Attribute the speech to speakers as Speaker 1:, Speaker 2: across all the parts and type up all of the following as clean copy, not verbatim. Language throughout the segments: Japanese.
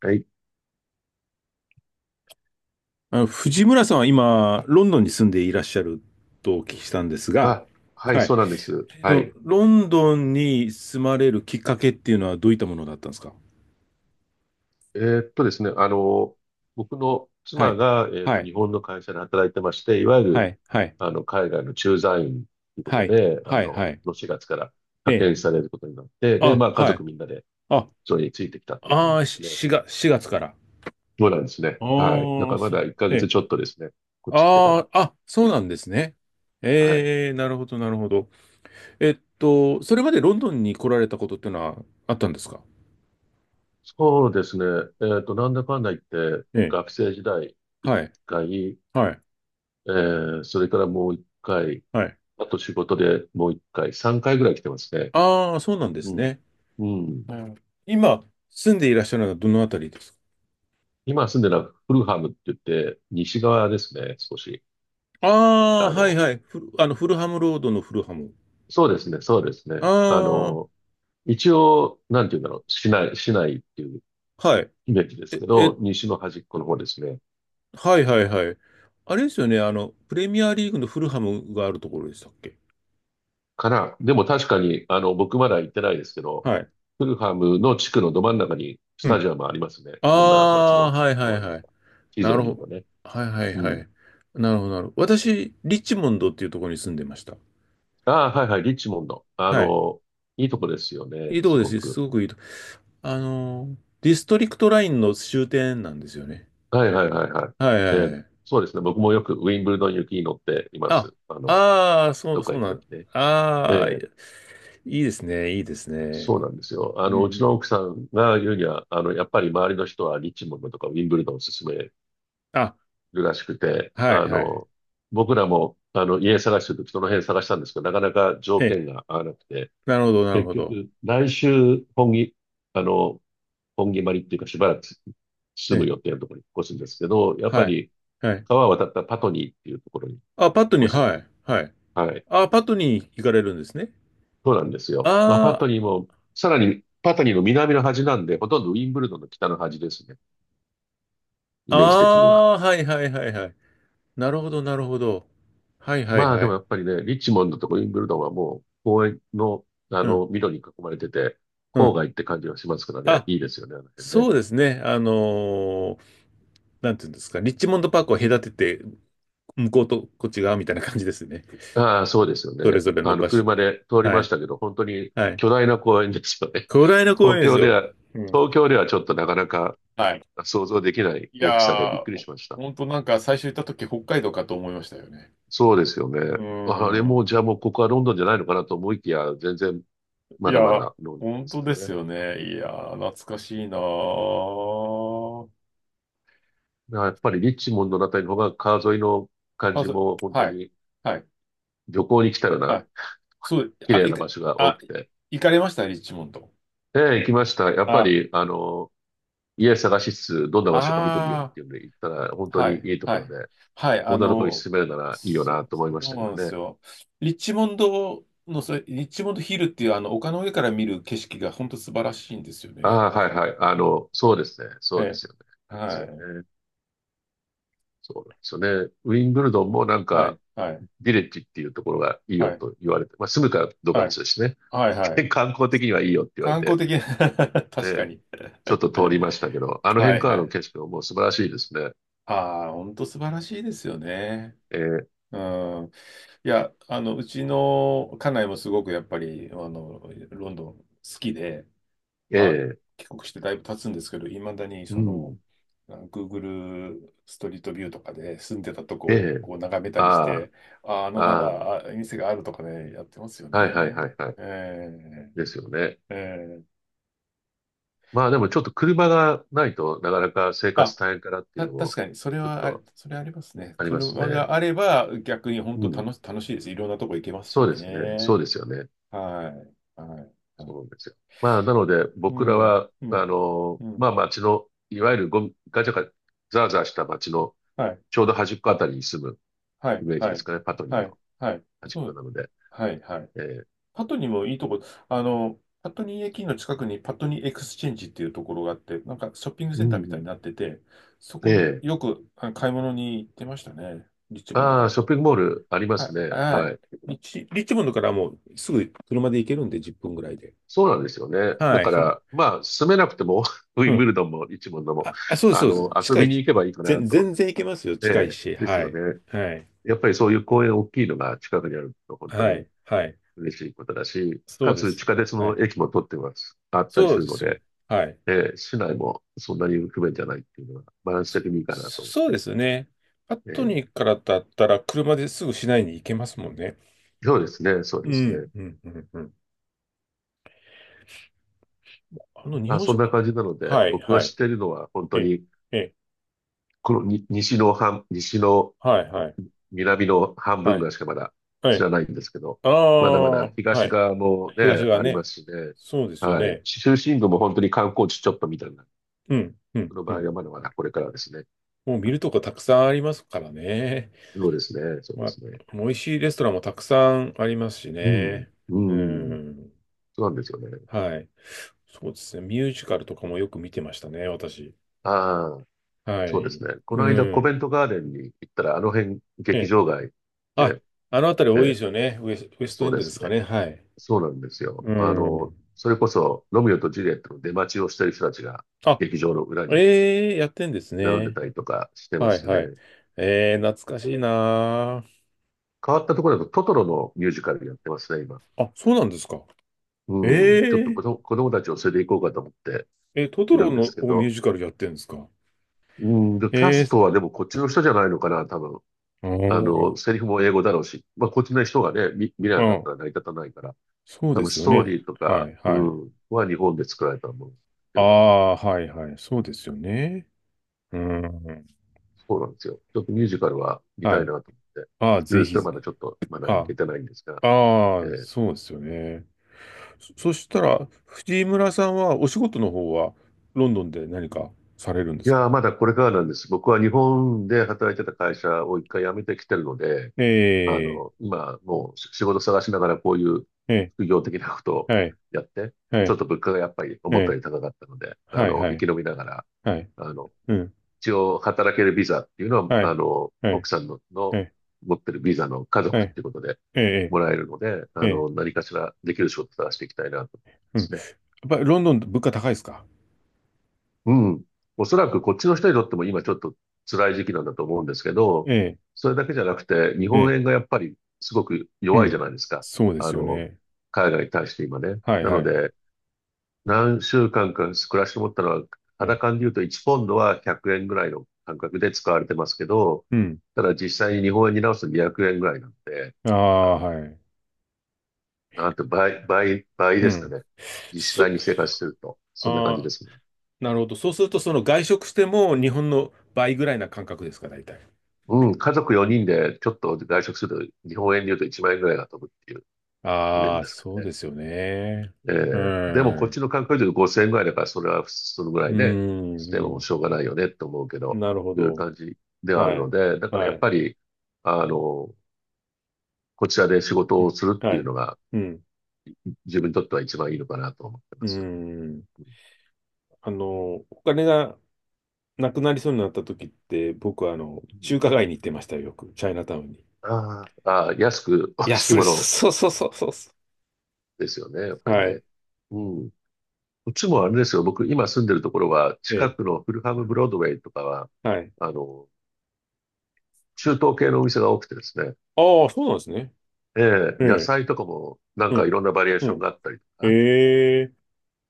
Speaker 1: はい。
Speaker 2: あの、藤村さんは今、ロンドンに住んでいらっしゃるとお聞きしたんですが、
Speaker 1: あ、はい、
Speaker 2: はい。
Speaker 1: そうなんです。
Speaker 2: あ
Speaker 1: は
Speaker 2: の
Speaker 1: い。
Speaker 2: ロンドンに住まれるきっかけっていうのはどういったものだったんですか？
Speaker 1: ですね、僕の
Speaker 2: は
Speaker 1: 妻
Speaker 2: い。
Speaker 1: が、
Speaker 2: はい。
Speaker 1: 日本の会社で働いてまして、いわゆ
Speaker 2: は
Speaker 1: る、
Speaker 2: い。はい。
Speaker 1: 海外の駐在員というこ
Speaker 2: は
Speaker 1: と
Speaker 2: い。
Speaker 1: で、
Speaker 2: はい。は
Speaker 1: こ
Speaker 2: い。
Speaker 1: の4月から
Speaker 2: え
Speaker 1: 派
Speaker 2: え。
Speaker 1: 遣されることになって、で、
Speaker 2: あ、
Speaker 1: まあ、家
Speaker 2: はい。
Speaker 1: 族みんなで、
Speaker 2: あ、
Speaker 1: それについてきたって感
Speaker 2: あ
Speaker 1: じ
Speaker 2: あ、
Speaker 1: です
Speaker 2: し
Speaker 1: ね。
Speaker 2: しが4月から。あ
Speaker 1: そうなんですね。はい。だ
Speaker 2: あ、
Speaker 1: からま
Speaker 2: そ
Speaker 1: だ
Speaker 2: う。
Speaker 1: 1
Speaker 2: え
Speaker 1: ヶ月
Speaker 2: え。
Speaker 1: ちょっとですね。こっち来てから。
Speaker 2: ああ、あ、そうなんですね。
Speaker 1: はい。
Speaker 2: ええ、なるほど、なるほど。それまでロンドンに来られたことっていうのはあったんですか？
Speaker 1: そうですね。なんだかんだ言って、
Speaker 2: ええ。
Speaker 1: 学生時代1
Speaker 2: はい。
Speaker 1: 回、
Speaker 2: はい。
Speaker 1: それからもう1回、
Speaker 2: はい。
Speaker 1: あと仕事でもう一回、三回ぐらい来てますね。
Speaker 2: ああ、そうなんで
Speaker 1: う
Speaker 2: す
Speaker 1: ん。
Speaker 2: ね。
Speaker 1: うん。
Speaker 2: うん。今、住んでいらっしゃるのはどのあたりですか？
Speaker 1: 今住んでるのはフルハムって言って、西側ですね、少し。
Speaker 2: ああ、
Speaker 1: あ
Speaker 2: はい
Speaker 1: の、
Speaker 2: はい。フルハムロードのフルハム。
Speaker 1: そうですね、そうですね。
Speaker 2: あ
Speaker 1: 一応、なんて言うんだろう、市内っていう
Speaker 2: あ、はい。
Speaker 1: イメージです
Speaker 2: え、
Speaker 1: け
Speaker 2: え、
Speaker 1: ど、西の端っこの方ですね。
Speaker 2: はいはいはい。あれですよね。あの、プレミアリーグのフルハムがあるところでしたっけ？
Speaker 1: から、でも確かに、僕まだ行ってないですけど、
Speaker 2: はい。
Speaker 1: フルハムの地区のど真ん中にス
Speaker 2: う
Speaker 1: タ
Speaker 2: ん。
Speaker 1: ジアムありますね。
Speaker 2: あ
Speaker 1: こんな街
Speaker 2: あ、
Speaker 1: の
Speaker 2: はい
Speaker 1: ど
Speaker 2: はい
Speaker 1: 真ん
Speaker 2: は
Speaker 1: 中。
Speaker 2: い。
Speaker 1: 地図
Speaker 2: な
Speaker 1: を
Speaker 2: る
Speaker 1: 見
Speaker 2: ほ
Speaker 1: ると
Speaker 2: ど。
Speaker 1: ね。
Speaker 2: はいはい
Speaker 1: う
Speaker 2: は
Speaker 1: ん。
Speaker 2: い。なるほどなるほど。私、リッチモンドっていうところに住んでました。
Speaker 1: ああ、はいはい、リッチモンド。
Speaker 2: はい。
Speaker 1: いいとこですよ
Speaker 2: い
Speaker 1: ね、
Speaker 2: いとこ
Speaker 1: す
Speaker 2: で
Speaker 1: ご
Speaker 2: す
Speaker 1: く。
Speaker 2: すごくいいとこ。ディストリクトラインの終点なんですよね。
Speaker 1: はいはいはいは
Speaker 2: はい
Speaker 1: い。
Speaker 2: はいはい。
Speaker 1: そうですね、僕もよくウィンブルドン行きに乗っていま
Speaker 2: あ、
Speaker 1: す。
Speaker 2: ああ、そ
Speaker 1: ど
Speaker 2: う、
Speaker 1: っか
Speaker 2: そう
Speaker 1: 行く
Speaker 2: な
Speaker 1: と
Speaker 2: ん。
Speaker 1: きね。え
Speaker 2: ああ、い
Speaker 1: え、
Speaker 2: いですね、いいですね。
Speaker 1: そうなんですよ。
Speaker 2: うんう
Speaker 1: うちの
Speaker 2: ん。
Speaker 1: 奥さんが言うには、やっぱり周りの人はリッチモンドとかウィンブルドンを勧める
Speaker 2: あ、
Speaker 1: らしくて、
Speaker 2: はいはい。
Speaker 1: 僕らも、家探してるときその辺探したんですけど、なかなか条
Speaker 2: え、
Speaker 1: 件が合わなくて、
Speaker 2: なるほど、なる
Speaker 1: 結
Speaker 2: ほど。
Speaker 1: 局、来週、本気、あの、本毛まりっていうかしばらく住む
Speaker 2: え、
Speaker 1: 予定のところに越すんですけど、やっぱ
Speaker 2: はい、
Speaker 1: り
Speaker 2: はい。
Speaker 1: 川を渡ったパトニーっていうところに
Speaker 2: あ、パットに、
Speaker 1: 越すよ。
Speaker 2: はい、はい。
Speaker 1: はい。
Speaker 2: あ、パットに行かれるんですね。
Speaker 1: そうなんですよ。まあ、パ
Speaker 2: あ
Speaker 1: トニーも、さらにパトニーの南の端なんで、ほとんどウィンブルドンの北の端ですね。イ
Speaker 2: あ、あ
Speaker 1: メージ的には。
Speaker 2: あ、はいはいはいはい。なるほど、なるほど。はいはい
Speaker 1: まあ
Speaker 2: は
Speaker 1: でも
Speaker 2: い。
Speaker 1: やっぱりね、リッチモンドとかウィンブルドンはもう公園の、
Speaker 2: うん、
Speaker 1: 緑に囲まれてて、
Speaker 2: う
Speaker 1: 郊
Speaker 2: ん。
Speaker 1: 外って感じがしますからね、
Speaker 2: あ、
Speaker 1: いいですよね、あの辺
Speaker 2: そ
Speaker 1: ね。
Speaker 2: うですね。なんていうんですか、リッチモンドパークを隔てて向こうとこっち側みたいな感じですね。
Speaker 1: ああ、そうですよ
Speaker 2: それ
Speaker 1: ね。
Speaker 2: ぞれの場所。
Speaker 1: 車で通り
Speaker 2: は
Speaker 1: まし
Speaker 2: い。
Speaker 1: たけど、本当に
Speaker 2: はい。
Speaker 1: 巨大な公園ですよね。
Speaker 2: 巨大な 公
Speaker 1: 東
Speaker 2: 園です
Speaker 1: 京で
Speaker 2: よ。
Speaker 1: は、
Speaker 2: うん。
Speaker 1: 東京ではちょっとなかなか
Speaker 2: はい。
Speaker 1: 想像できない
Speaker 2: い
Speaker 1: 大きさでび
Speaker 2: や
Speaker 1: っくり
Speaker 2: ー、
Speaker 1: しました。
Speaker 2: 本当なんか最初行った時北海道かと思いましたよね。
Speaker 1: そうですよね。
Speaker 2: うー
Speaker 1: あれも、
Speaker 2: ん。
Speaker 1: じゃあもうここはロンドンじゃないのかなと思いきや、全然
Speaker 2: い
Speaker 1: まだま
Speaker 2: や、
Speaker 1: だロンドンで
Speaker 2: 本
Speaker 1: す
Speaker 2: 当で
Speaker 1: から
Speaker 2: す
Speaker 1: ね。
Speaker 2: よね。いやー、懐かしいなー。
Speaker 1: だからやっぱりリッチモンドのあたりの方が川沿いの感
Speaker 2: あ、
Speaker 1: じ
Speaker 2: そ、
Speaker 1: も本当
Speaker 2: はい。
Speaker 1: に
Speaker 2: はい。
Speaker 1: 旅行に来たよう
Speaker 2: は
Speaker 1: な
Speaker 2: い。そう、
Speaker 1: 綺
Speaker 2: あ、
Speaker 1: 麗
Speaker 2: い
Speaker 1: な
Speaker 2: か、
Speaker 1: 場所が多
Speaker 2: あ、
Speaker 1: くて。
Speaker 2: 行かれましたリッチモンド。
Speaker 1: ええ、行きました。やっぱ
Speaker 2: あ、
Speaker 1: り、家探しつつ、どんな場所か見てみようっ
Speaker 2: あ
Speaker 1: ていうんで行ったら、本
Speaker 2: あ。
Speaker 1: 当
Speaker 2: は
Speaker 1: に
Speaker 2: い、
Speaker 1: いいとこ
Speaker 2: は
Speaker 1: ろ
Speaker 2: い、
Speaker 1: で、
Speaker 2: はい、あ
Speaker 1: こんなところに
Speaker 2: の、
Speaker 1: 住めるならいいよ
Speaker 2: そ、
Speaker 1: なと思いまし
Speaker 2: そう
Speaker 1: たけ
Speaker 2: な
Speaker 1: ど
Speaker 2: んです
Speaker 1: ね。
Speaker 2: よ。リッチモンドの、それ、リッチモンドヒルっていう、あの、丘の上から見る景色が本当素晴らしいんですよ
Speaker 1: あ
Speaker 2: ね。
Speaker 1: あ、はいはい。そうですね。
Speaker 2: え
Speaker 1: そうですよね。
Speaker 2: え、
Speaker 1: いいです
Speaker 2: は
Speaker 1: よ
Speaker 2: い、
Speaker 1: ね。そうなんですよね。ウィンブルドンもなん
Speaker 2: はい、
Speaker 1: か、
Speaker 2: はい、
Speaker 1: ビレッジっていうところがいいよ
Speaker 2: はい、
Speaker 1: と言われて、まあ住むかどうかは
Speaker 2: は
Speaker 1: 別
Speaker 2: い、
Speaker 1: ですね。
Speaker 2: はい、はい。
Speaker 1: 観光的にはいいよって言われ
Speaker 2: 観光
Speaker 1: て、
Speaker 2: 的な 確か
Speaker 1: ええ、
Speaker 2: に。
Speaker 1: ちょっと通りましたけど、あの
Speaker 2: は
Speaker 1: 辺
Speaker 2: い、
Speaker 1: から
Speaker 2: は
Speaker 1: の
Speaker 2: い。
Speaker 1: 景色ももう素晴らしいですね。
Speaker 2: ああ、本当素晴らしいですよね。
Speaker 1: ええ、
Speaker 2: うん。いや、あの、うちの家内もすごくやっぱり、あの、ロンドン好きで、
Speaker 1: え
Speaker 2: まあ、
Speaker 1: え、
Speaker 2: 帰国してだいぶ経つんですけど、いまだに
Speaker 1: う
Speaker 2: その、
Speaker 1: ん、
Speaker 2: あ Google ストリートビューとかで住んでたと
Speaker 1: え
Speaker 2: こを
Speaker 1: え、
Speaker 2: こう眺めたりし
Speaker 1: あ
Speaker 2: て、あ、あのま
Speaker 1: あ、あ
Speaker 2: だあ店があるとかね、やってますよ
Speaker 1: あ、はいはいはい
Speaker 2: ね。
Speaker 1: はい。
Speaker 2: え
Speaker 1: ですよね。
Speaker 2: ー、えー、
Speaker 1: まあでもちょっと車がないとなかなか生
Speaker 2: あ、
Speaker 1: 活大変かなっていうの
Speaker 2: 確
Speaker 1: も
Speaker 2: かに、それ
Speaker 1: ちょっ
Speaker 2: はあれ、
Speaker 1: と
Speaker 2: それありますね。
Speaker 1: あります
Speaker 2: 車
Speaker 1: ね。
Speaker 2: があれば逆に本
Speaker 1: う
Speaker 2: 当
Speaker 1: ん。
Speaker 2: 楽しいです。いろんなとこ行けますし
Speaker 1: そうですね。そ
Speaker 2: ね。
Speaker 1: うですよね。
Speaker 2: はい。はい。は
Speaker 1: そうなん
Speaker 2: い
Speaker 1: ですよ。まあなので
Speaker 2: う
Speaker 1: 僕ら
Speaker 2: ん。
Speaker 1: は、
Speaker 2: うん。う
Speaker 1: ま
Speaker 2: ん。
Speaker 1: あ街の、いわゆるゴミ、ガチャガチャ、ザーザーした街の
Speaker 2: はい。
Speaker 1: ちょうど端っこあたりに住む
Speaker 2: は
Speaker 1: イ
Speaker 2: い。
Speaker 1: メージ
Speaker 2: は
Speaker 1: です
Speaker 2: い。
Speaker 1: かね。パトニ
Speaker 2: は
Speaker 1: ー
Speaker 2: い。
Speaker 1: の
Speaker 2: はい。
Speaker 1: 端っ
Speaker 2: そ
Speaker 1: こ
Speaker 2: う。
Speaker 1: なので。
Speaker 2: はい。はい。
Speaker 1: ええ、
Speaker 2: パトニーもいいとこ、あの、パトニー駅の近くにパトニーエクスチェンジっていうところがあって、なんかショッピング
Speaker 1: う
Speaker 2: センターみたいに
Speaker 1: ん
Speaker 2: なってて、そ
Speaker 1: う
Speaker 2: こ
Speaker 1: ん。ええ、
Speaker 2: よく買い物に行ってましたね。リッチモンド
Speaker 1: あ
Speaker 2: か
Speaker 1: あ、
Speaker 2: ら。
Speaker 1: ショッピングモールありま
Speaker 2: は
Speaker 1: す
Speaker 2: い。
Speaker 1: ね。
Speaker 2: は
Speaker 1: は
Speaker 2: い。
Speaker 1: い。
Speaker 2: リッチモンドからもうすぐ車で行けるんで、10分ぐらいで。
Speaker 1: そうなんですよね。だ
Speaker 2: はい。
Speaker 1: か
Speaker 2: そう、
Speaker 1: ら、まあ、住めなくても、ウ
Speaker 2: う
Speaker 1: ィンブ
Speaker 2: ん。
Speaker 1: ルドンも一門のも、
Speaker 2: あ、あ、そうです、そうです。
Speaker 1: 遊
Speaker 2: 近
Speaker 1: び
Speaker 2: い。
Speaker 1: に行けばいいかなと。
Speaker 2: 全然行けますよ。
Speaker 1: え
Speaker 2: 近い
Speaker 1: え、
Speaker 2: し。
Speaker 1: です
Speaker 2: は
Speaker 1: よ
Speaker 2: い。
Speaker 1: ね。
Speaker 2: はい。
Speaker 1: やっぱりそういう公園大きいのが近くにあると本当
Speaker 2: は
Speaker 1: に
Speaker 2: い。はい。
Speaker 1: 嬉しいことだし、
Speaker 2: そ
Speaker 1: か
Speaker 2: うで
Speaker 1: つ地
Speaker 2: す。
Speaker 1: 下鉄
Speaker 2: は
Speaker 1: の
Speaker 2: い。
Speaker 1: 駅も取ってます、あったり
Speaker 2: そ
Speaker 1: す
Speaker 2: う
Speaker 1: る
Speaker 2: で
Speaker 1: の
Speaker 2: すよね。
Speaker 1: で、
Speaker 2: はい。
Speaker 1: ええ、市内もそんなに不便じゃないっていうのはバランス
Speaker 2: そ、
Speaker 1: 的にいいかなと思っ
Speaker 2: そうで
Speaker 1: て。
Speaker 2: すね。パッ
Speaker 1: え
Speaker 2: トニ
Speaker 1: え、
Speaker 2: ーからだったら車ですぐ市内に行けますもんね。
Speaker 1: そうですね、そう
Speaker 2: う
Speaker 1: です
Speaker 2: ん、
Speaker 1: ね。
Speaker 2: うん、うん、うん。あの日
Speaker 1: あ、
Speaker 2: 本
Speaker 1: そんな
Speaker 2: 食
Speaker 1: 感じなので、
Speaker 2: はい、
Speaker 1: 僕が
Speaker 2: は
Speaker 1: 知
Speaker 2: い。
Speaker 1: っているのは本当
Speaker 2: え、
Speaker 1: に、
Speaker 2: え、
Speaker 1: このに西の半、西の
Speaker 2: はい、はい、
Speaker 1: 南の半分
Speaker 2: は
Speaker 1: ぐ
Speaker 2: い、
Speaker 1: らいしかまだ
Speaker 2: は
Speaker 1: 知
Speaker 2: い。
Speaker 1: らないんですけど、
Speaker 2: あ
Speaker 1: まだま
Speaker 2: あ、
Speaker 1: だ
Speaker 2: は
Speaker 1: 東
Speaker 2: い。
Speaker 1: 側も
Speaker 2: 東
Speaker 1: ね、
Speaker 2: 側
Speaker 1: ありま
Speaker 2: ね。
Speaker 1: すしね。
Speaker 2: そうですよ
Speaker 1: はい。
Speaker 2: ね。
Speaker 1: 中心部も本当に観光地ちょっとみたいな。
Speaker 2: うん、うん、
Speaker 1: その
Speaker 2: う
Speaker 1: 場合
Speaker 2: ん。
Speaker 1: はまだまだこれからですね。
Speaker 2: もう見
Speaker 1: はい、
Speaker 2: るとこたくさんありますからね。
Speaker 1: そうですね。そうで
Speaker 2: まあ、
Speaker 1: すね。
Speaker 2: 美味しいレストランもたくさんありますし
Speaker 1: うん。
Speaker 2: ね。
Speaker 1: う
Speaker 2: う
Speaker 1: ん。
Speaker 2: ん。
Speaker 1: そうなんですよね。
Speaker 2: はい。そうですね。ミュージカルとかもよく見てましたね、私。
Speaker 1: ああ、
Speaker 2: は
Speaker 1: そうです
Speaker 2: い。
Speaker 1: ね。こ
Speaker 2: う
Speaker 1: の間コベ
Speaker 2: ん。
Speaker 1: ントガーデンに行ったら、あの辺
Speaker 2: え
Speaker 1: 劇
Speaker 2: え。
Speaker 1: 場街
Speaker 2: あ、
Speaker 1: で、
Speaker 2: あのあたり
Speaker 1: え
Speaker 2: 多いで
Speaker 1: え、
Speaker 2: すよね。ウエスト
Speaker 1: そ
Speaker 2: エ
Speaker 1: う
Speaker 2: ン
Speaker 1: で
Speaker 2: ドです
Speaker 1: す
Speaker 2: か
Speaker 1: ね。
Speaker 2: ね。はい。
Speaker 1: そうなんですよ。
Speaker 2: うん。
Speaker 1: それこそ、ロミオとジュリエットの出待ちをしてる人たちが
Speaker 2: あ、
Speaker 1: 劇場の裏に
Speaker 2: ええやってんです
Speaker 1: 並んで
Speaker 2: ね。
Speaker 1: たりとかしてま
Speaker 2: は
Speaker 1: し
Speaker 2: い
Speaker 1: た
Speaker 2: はい。
Speaker 1: ね。
Speaker 2: ええ懐かしいな
Speaker 1: 変わったところだとトトロのミュージカルやってますね、今。
Speaker 2: あ。あ、そうなんですか。
Speaker 1: うん。ちょっと
Speaker 2: え
Speaker 1: 子供たちを連れて行こうかと思って
Speaker 2: ええ、トト
Speaker 1: いる
Speaker 2: ロ
Speaker 1: んです
Speaker 2: の
Speaker 1: け
Speaker 2: をミュー
Speaker 1: ど。
Speaker 2: ジカルやってんですか？
Speaker 1: うん。で、キャ
Speaker 2: え
Speaker 1: ス
Speaker 2: え
Speaker 1: トはでもこっちの人じゃないのかな、多分。
Speaker 2: おー、
Speaker 1: セリフも英語だろうし。まあ、こっちの人がね、見れなかっ
Speaker 2: あ、
Speaker 1: たら成り立たないから。
Speaker 2: そう
Speaker 1: 多
Speaker 2: で
Speaker 1: 分
Speaker 2: す
Speaker 1: ス
Speaker 2: よ
Speaker 1: トー
Speaker 2: ね。
Speaker 1: リーと
Speaker 2: は
Speaker 1: か、
Speaker 2: い
Speaker 1: う
Speaker 2: はい。
Speaker 1: ん、は日本で作られたものをって
Speaker 2: あ
Speaker 1: るんだろうけど。
Speaker 2: あ、はいはい。そうですよね。うん。
Speaker 1: そうなんですよ。ちょっとミュージカルは見た
Speaker 2: は
Speaker 1: いな
Speaker 2: い。
Speaker 1: と思って、
Speaker 2: ああ、
Speaker 1: いるん
Speaker 2: ぜ
Speaker 1: ですけど
Speaker 2: ひ、
Speaker 1: まだちょっと、まだ行
Speaker 2: あ
Speaker 1: けてないんですが。
Speaker 2: あ、あ
Speaker 1: え
Speaker 2: あ
Speaker 1: ー
Speaker 2: そうですよね。そしたら、藤村さんはお仕事の方はロンドンで何かされるんで
Speaker 1: い
Speaker 2: すか？
Speaker 1: やー、まだこれからなんです。僕は日本で働いてた会社を一回辞めてきてるので、
Speaker 2: ええ、
Speaker 1: 今、もう仕事探しながらこういう
Speaker 2: ええ、
Speaker 1: 副業的なことを
Speaker 2: はい、
Speaker 1: やって、
Speaker 2: は
Speaker 1: ちょっ
Speaker 2: い、
Speaker 1: と物価がやっぱり
Speaker 2: え
Speaker 1: 思った
Speaker 2: え、
Speaker 1: より高かったので、
Speaker 2: はい、は
Speaker 1: 生
Speaker 2: い、
Speaker 1: き延びながら、
Speaker 2: はい、
Speaker 1: あの、
Speaker 2: うん、
Speaker 1: 一応働けるビザっていうのは、
Speaker 2: はい、はい、
Speaker 1: 奥さんの、
Speaker 2: は
Speaker 1: の
Speaker 2: い、
Speaker 1: 持ってるビザの家
Speaker 2: は
Speaker 1: 族っ
Speaker 2: い、
Speaker 1: ていうことで
Speaker 2: ええ、
Speaker 1: もらえるので、
Speaker 2: ええ、ええ
Speaker 1: 何かしらできる仕事を探していきたいなと思いま
Speaker 2: うん。やっ
Speaker 1: すね。
Speaker 2: ぱりロンドンって物価高いですか？
Speaker 1: うん。おそらくこっちの人にとっても今ちょっと辛い時期なんだと思うんですけど、
Speaker 2: ええ、
Speaker 1: それだけじゃなくて、日
Speaker 2: え
Speaker 1: 本
Speaker 2: え、
Speaker 1: 円がやっぱりすごく
Speaker 2: う
Speaker 1: 弱い
Speaker 2: ん。
Speaker 1: じゃないですか。
Speaker 2: そうで
Speaker 1: あ
Speaker 2: すよ
Speaker 1: の、
Speaker 2: ね。
Speaker 1: 海外に対して今ね。
Speaker 2: はい、
Speaker 1: な
Speaker 2: は
Speaker 1: の
Speaker 2: い、
Speaker 1: で、何週間か暮らして思ったのは、
Speaker 2: ええ、
Speaker 1: 肌感で言うと1ポンドは100円ぐらいの感覚で使われてますけど、
Speaker 2: うん。
Speaker 1: ただ実際に日本円に直すと200円ぐらいなんで、
Speaker 2: ああ、
Speaker 1: あの、
Speaker 2: はい、
Speaker 1: なんて倍、倍、倍
Speaker 2: う
Speaker 1: ですか
Speaker 2: ん。
Speaker 1: ね。実
Speaker 2: そ、
Speaker 1: 際に生活してると、そんな感じ
Speaker 2: ああ、
Speaker 1: ですね。
Speaker 2: なるほど。そうすると、その外食しても日本の倍ぐらいな感覚ですか、大体。
Speaker 1: うん、家族4人でちょっと外食すると日本円で言うと1万円ぐらいが飛ぶっていうイメー
Speaker 2: あ
Speaker 1: ジ
Speaker 2: あ、
Speaker 1: ですか
Speaker 2: そう
Speaker 1: ね。
Speaker 2: ですよね。
Speaker 1: え
Speaker 2: う
Speaker 1: え、でもこっち
Speaker 2: ん。
Speaker 1: の観光地で5000円ぐらいだから、それはそのぐら
Speaker 2: う
Speaker 1: いして
Speaker 2: ん。う
Speaker 1: も
Speaker 2: ん
Speaker 1: しょうがないよねと思うけど、
Speaker 2: なるほ
Speaker 1: いう
Speaker 2: ど。
Speaker 1: 感じではあ
Speaker 2: は
Speaker 1: るの
Speaker 2: い。
Speaker 1: で、だから
Speaker 2: は
Speaker 1: やっ
Speaker 2: い。
Speaker 1: ぱり、あの、こちらで仕
Speaker 2: う
Speaker 1: 事を
Speaker 2: ん。
Speaker 1: するって
Speaker 2: は
Speaker 1: いう
Speaker 2: い。
Speaker 1: のが
Speaker 2: うん。
Speaker 1: 自分にとっては一番いいのかなと思って
Speaker 2: う
Speaker 1: ます。
Speaker 2: ん。あの、お金がなくなりそうになった時って、僕はあの、
Speaker 1: うん、
Speaker 2: 中華街に行ってましたよ、よく。チャイナタウンに。
Speaker 1: 安く美
Speaker 2: い
Speaker 1: 味
Speaker 2: や、
Speaker 1: しい
Speaker 2: そう、
Speaker 1: もの
Speaker 2: そうそうそうそうそ
Speaker 1: ですよね、やっ
Speaker 2: う。
Speaker 1: ぱり
Speaker 2: はい。
Speaker 1: ね。うん。こっちもあれですよ。僕、今住んでるところは、
Speaker 2: え
Speaker 1: 近
Speaker 2: え。
Speaker 1: くのフルハムブロードウェイとかは、
Speaker 2: はい。
Speaker 1: あの、中東系のお店が多くてですね。
Speaker 2: ああ、そうなんですね。
Speaker 1: え
Speaker 2: え
Speaker 1: え、野
Speaker 2: え。
Speaker 1: 菜とかも、なん
Speaker 2: う
Speaker 1: かい
Speaker 2: ん。
Speaker 1: ろんなバリエー
Speaker 2: う
Speaker 1: ション
Speaker 2: ん。
Speaker 1: があったりと
Speaker 2: え
Speaker 1: か、
Speaker 2: え。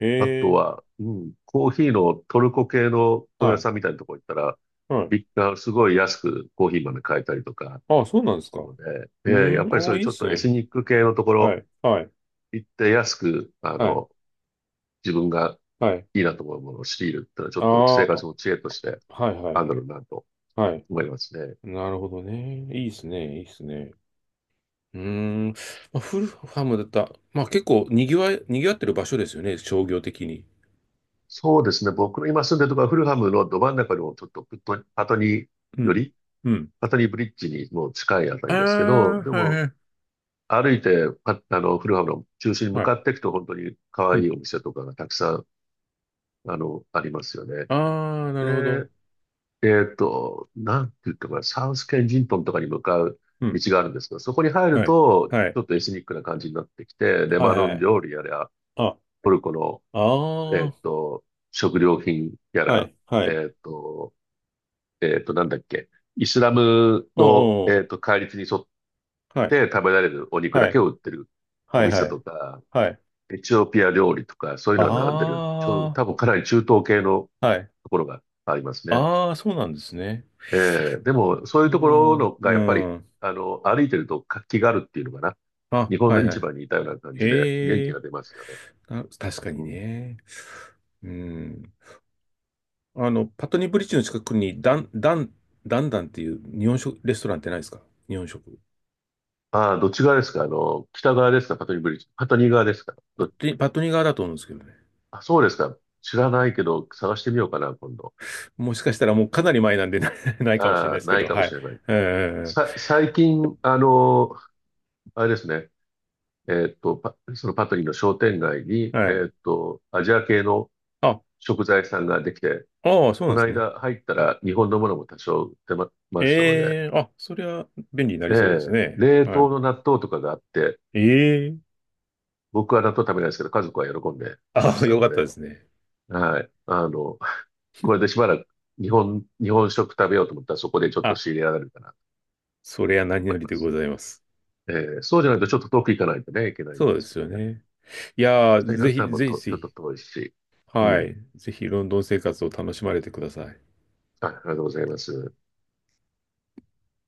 Speaker 2: え
Speaker 1: あと
Speaker 2: え。
Speaker 1: は、うん、コーヒーのトルコ系の本
Speaker 2: は
Speaker 1: 屋
Speaker 2: い。
Speaker 1: さんみたいなところ行ったら、
Speaker 2: はい。
Speaker 1: すごい安くコーヒー豆買えたりとか
Speaker 2: ああ、そうなんです
Speaker 1: す
Speaker 2: か。
Speaker 1: るので、え
Speaker 2: う
Speaker 1: え、
Speaker 2: ー
Speaker 1: やっ
Speaker 2: ん。
Speaker 1: ぱり
Speaker 2: あ
Speaker 1: そう
Speaker 2: あ、
Speaker 1: いう
Speaker 2: いい
Speaker 1: ち
Speaker 2: っ
Speaker 1: ょっ
Speaker 2: す
Speaker 1: とエス
Speaker 2: ね。
Speaker 1: ニック系のとこ
Speaker 2: は
Speaker 1: ろ
Speaker 2: い。はい。
Speaker 1: 行って安く、
Speaker 2: はい。
Speaker 1: 自分が
Speaker 2: はい。
Speaker 1: いいなと思うものを仕入れるってのは、ちょ
Speaker 2: あ
Speaker 1: っと
Speaker 2: あ、
Speaker 1: 生活
Speaker 2: は
Speaker 1: の知恵として
Speaker 2: いは
Speaker 1: ある
Speaker 2: い。
Speaker 1: んだろうなと
Speaker 2: はい。
Speaker 1: 思いますね。
Speaker 2: なるほどね。いいっすね。いいっすね。うーん。まあ、フルハムだった。まあ結構賑わってる場所ですよね。商業的に。
Speaker 1: そうですね。僕の今住んでるところはフルハムのど真ん中のちょっとプットパトニー
Speaker 2: う
Speaker 1: よ
Speaker 2: ん。
Speaker 1: り、
Speaker 2: うん。
Speaker 1: パトニーブリッジにもう近いあた
Speaker 2: あ
Speaker 1: りですけど、
Speaker 2: あ、
Speaker 1: で
Speaker 2: はい
Speaker 1: も
Speaker 2: はい。
Speaker 1: 歩いてフルハムの中心に向
Speaker 2: はい。
Speaker 1: かっていくと本当に可
Speaker 2: う
Speaker 1: 愛
Speaker 2: ん。
Speaker 1: いお店とかがたくさんありますよね。
Speaker 2: ああ、なるほど。
Speaker 1: で、なんて言ったかな、サウスケンジントンとかに向かう
Speaker 2: う
Speaker 1: 道
Speaker 2: ん。
Speaker 1: があるんですが、そこに入る
Speaker 2: はい。
Speaker 1: と
Speaker 2: は
Speaker 1: ち
Speaker 2: い。
Speaker 1: ょっとエスニックな感じになってきて、レ
Speaker 2: はい
Speaker 1: バノ
Speaker 2: は
Speaker 1: ン
Speaker 2: い。
Speaker 1: 料理やら、
Speaker 2: あ、
Speaker 1: トルコの、え
Speaker 2: あ
Speaker 1: っ
Speaker 2: あ、
Speaker 1: と、食料品や
Speaker 2: は
Speaker 1: ら、
Speaker 2: い。はい。
Speaker 1: えっと、なんだっけ、イスラムの、
Speaker 2: おうおう。
Speaker 1: 戒律に沿っ
Speaker 2: はい。
Speaker 1: て食べられるお肉だ
Speaker 2: は
Speaker 1: け
Speaker 2: い。
Speaker 1: を売ってるお
Speaker 2: はいは
Speaker 1: 店
Speaker 2: い。
Speaker 1: とか、
Speaker 2: はい。
Speaker 1: エチオピア料理とか、そういうのは並んでる。
Speaker 2: ああ、
Speaker 1: 多分かなり中東系の
Speaker 2: はい。
Speaker 1: ところがありますね。
Speaker 2: ああ、そうなんですね。
Speaker 1: えでも、そういう
Speaker 2: う
Speaker 1: ところ
Speaker 2: ん。
Speaker 1: のが
Speaker 2: う
Speaker 1: やっぱり、
Speaker 2: ん。
Speaker 1: 歩いてると活気があるっていうのかな。
Speaker 2: あ、
Speaker 1: 日本
Speaker 2: は
Speaker 1: の
Speaker 2: いはい。
Speaker 1: 市場にいたような感じで元
Speaker 2: へ
Speaker 1: 気
Speaker 2: え。
Speaker 1: が出ますよね。
Speaker 2: あ、確かに
Speaker 1: うん。
Speaker 2: ね。うん。あの、パトニーブリッジの近くに、ダンダンっていう日本食、レストランってないですか？日本食。
Speaker 1: ああ、どっち側ですか、あの、北側ですか、パトニーブリッジ。パトニー側ですか
Speaker 2: パトニー、パトニー側だと思うんですけどね。
Speaker 1: あ、そうですか。知らないけど、探してみようかな、今度。
Speaker 2: もしかしたらもうかなり前なんでな ないかもしれな
Speaker 1: あ
Speaker 2: いで
Speaker 1: あ、
Speaker 2: すけ
Speaker 1: ない
Speaker 2: ど、
Speaker 1: かも
Speaker 2: はい。
Speaker 1: しれない。
Speaker 2: え
Speaker 1: 最近、あの、あれですね、そのパトリーの商店街に、
Speaker 2: え、はい。
Speaker 1: アジア系の
Speaker 2: あ、
Speaker 1: 食材屋さんができて、
Speaker 2: ああ、そう
Speaker 1: こ
Speaker 2: なん
Speaker 1: の
Speaker 2: ですね。
Speaker 1: 間入ったら日本のものも多少売ってま、ましたので、
Speaker 2: ええ、あ、そりゃ便利にな
Speaker 1: え
Speaker 2: りそうです
Speaker 1: え、
Speaker 2: ね。
Speaker 1: 冷
Speaker 2: は
Speaker 1: 凍
Speaker 2: い。
Speaker 1: の納豆とかがあって、
Speaker 2: ええ、
Speaker 1: 僕は納豆食べないですけど、家族は喜んでまし
Speaker 2: あ、
Speaker 1: た
Speaker 2: よ
Speaker 1: の
Speaker 2: かったで
Speaker 1: で、
Speaker 2: すね。
Speaker 1: はい。あの、これでしばらく日本食食べようと思ったらそこでちょっと
Speaker 2: あ、
Speaker 1: 仕入れられるかなと
Speaker 2: それは何
Speaker 1: 思
Speaker 2: よ
Speaker 1: い
Speaker 2: り
Speaker 1: ま
Speaker 2: でご
Speaker 1: す。
Speaker 2: ざいます。
Speaker 1: ええ、そうじゃないとちょっと遠く行かないとね、いけないん
Speaker 2: そ
Speaker 1: で
Speaker 2: うで
Speaker 1: すけ
Speaker 2: すよ
Speaker 1: どね。
Speaker 2: ね。いや
Speaker 1: そ
Speaker 2: ー、
Speaker 1: れっ
Speaker 2: ぜひ、
Speaker 1: たらも
Speaker 2: ぜひ
Speaker 1: と、ち
Speaker 2: ぜ
Speaker 1: ょっと
Speaker 2: ひ、
Speaker 1: 遠いし。う
Speaker 2: は
Speaker 1: ん。
Speaker 2: い。ぜひ、ロンドン生活を楽しまれてください。
Speaker 1: あ、ありがとうございます。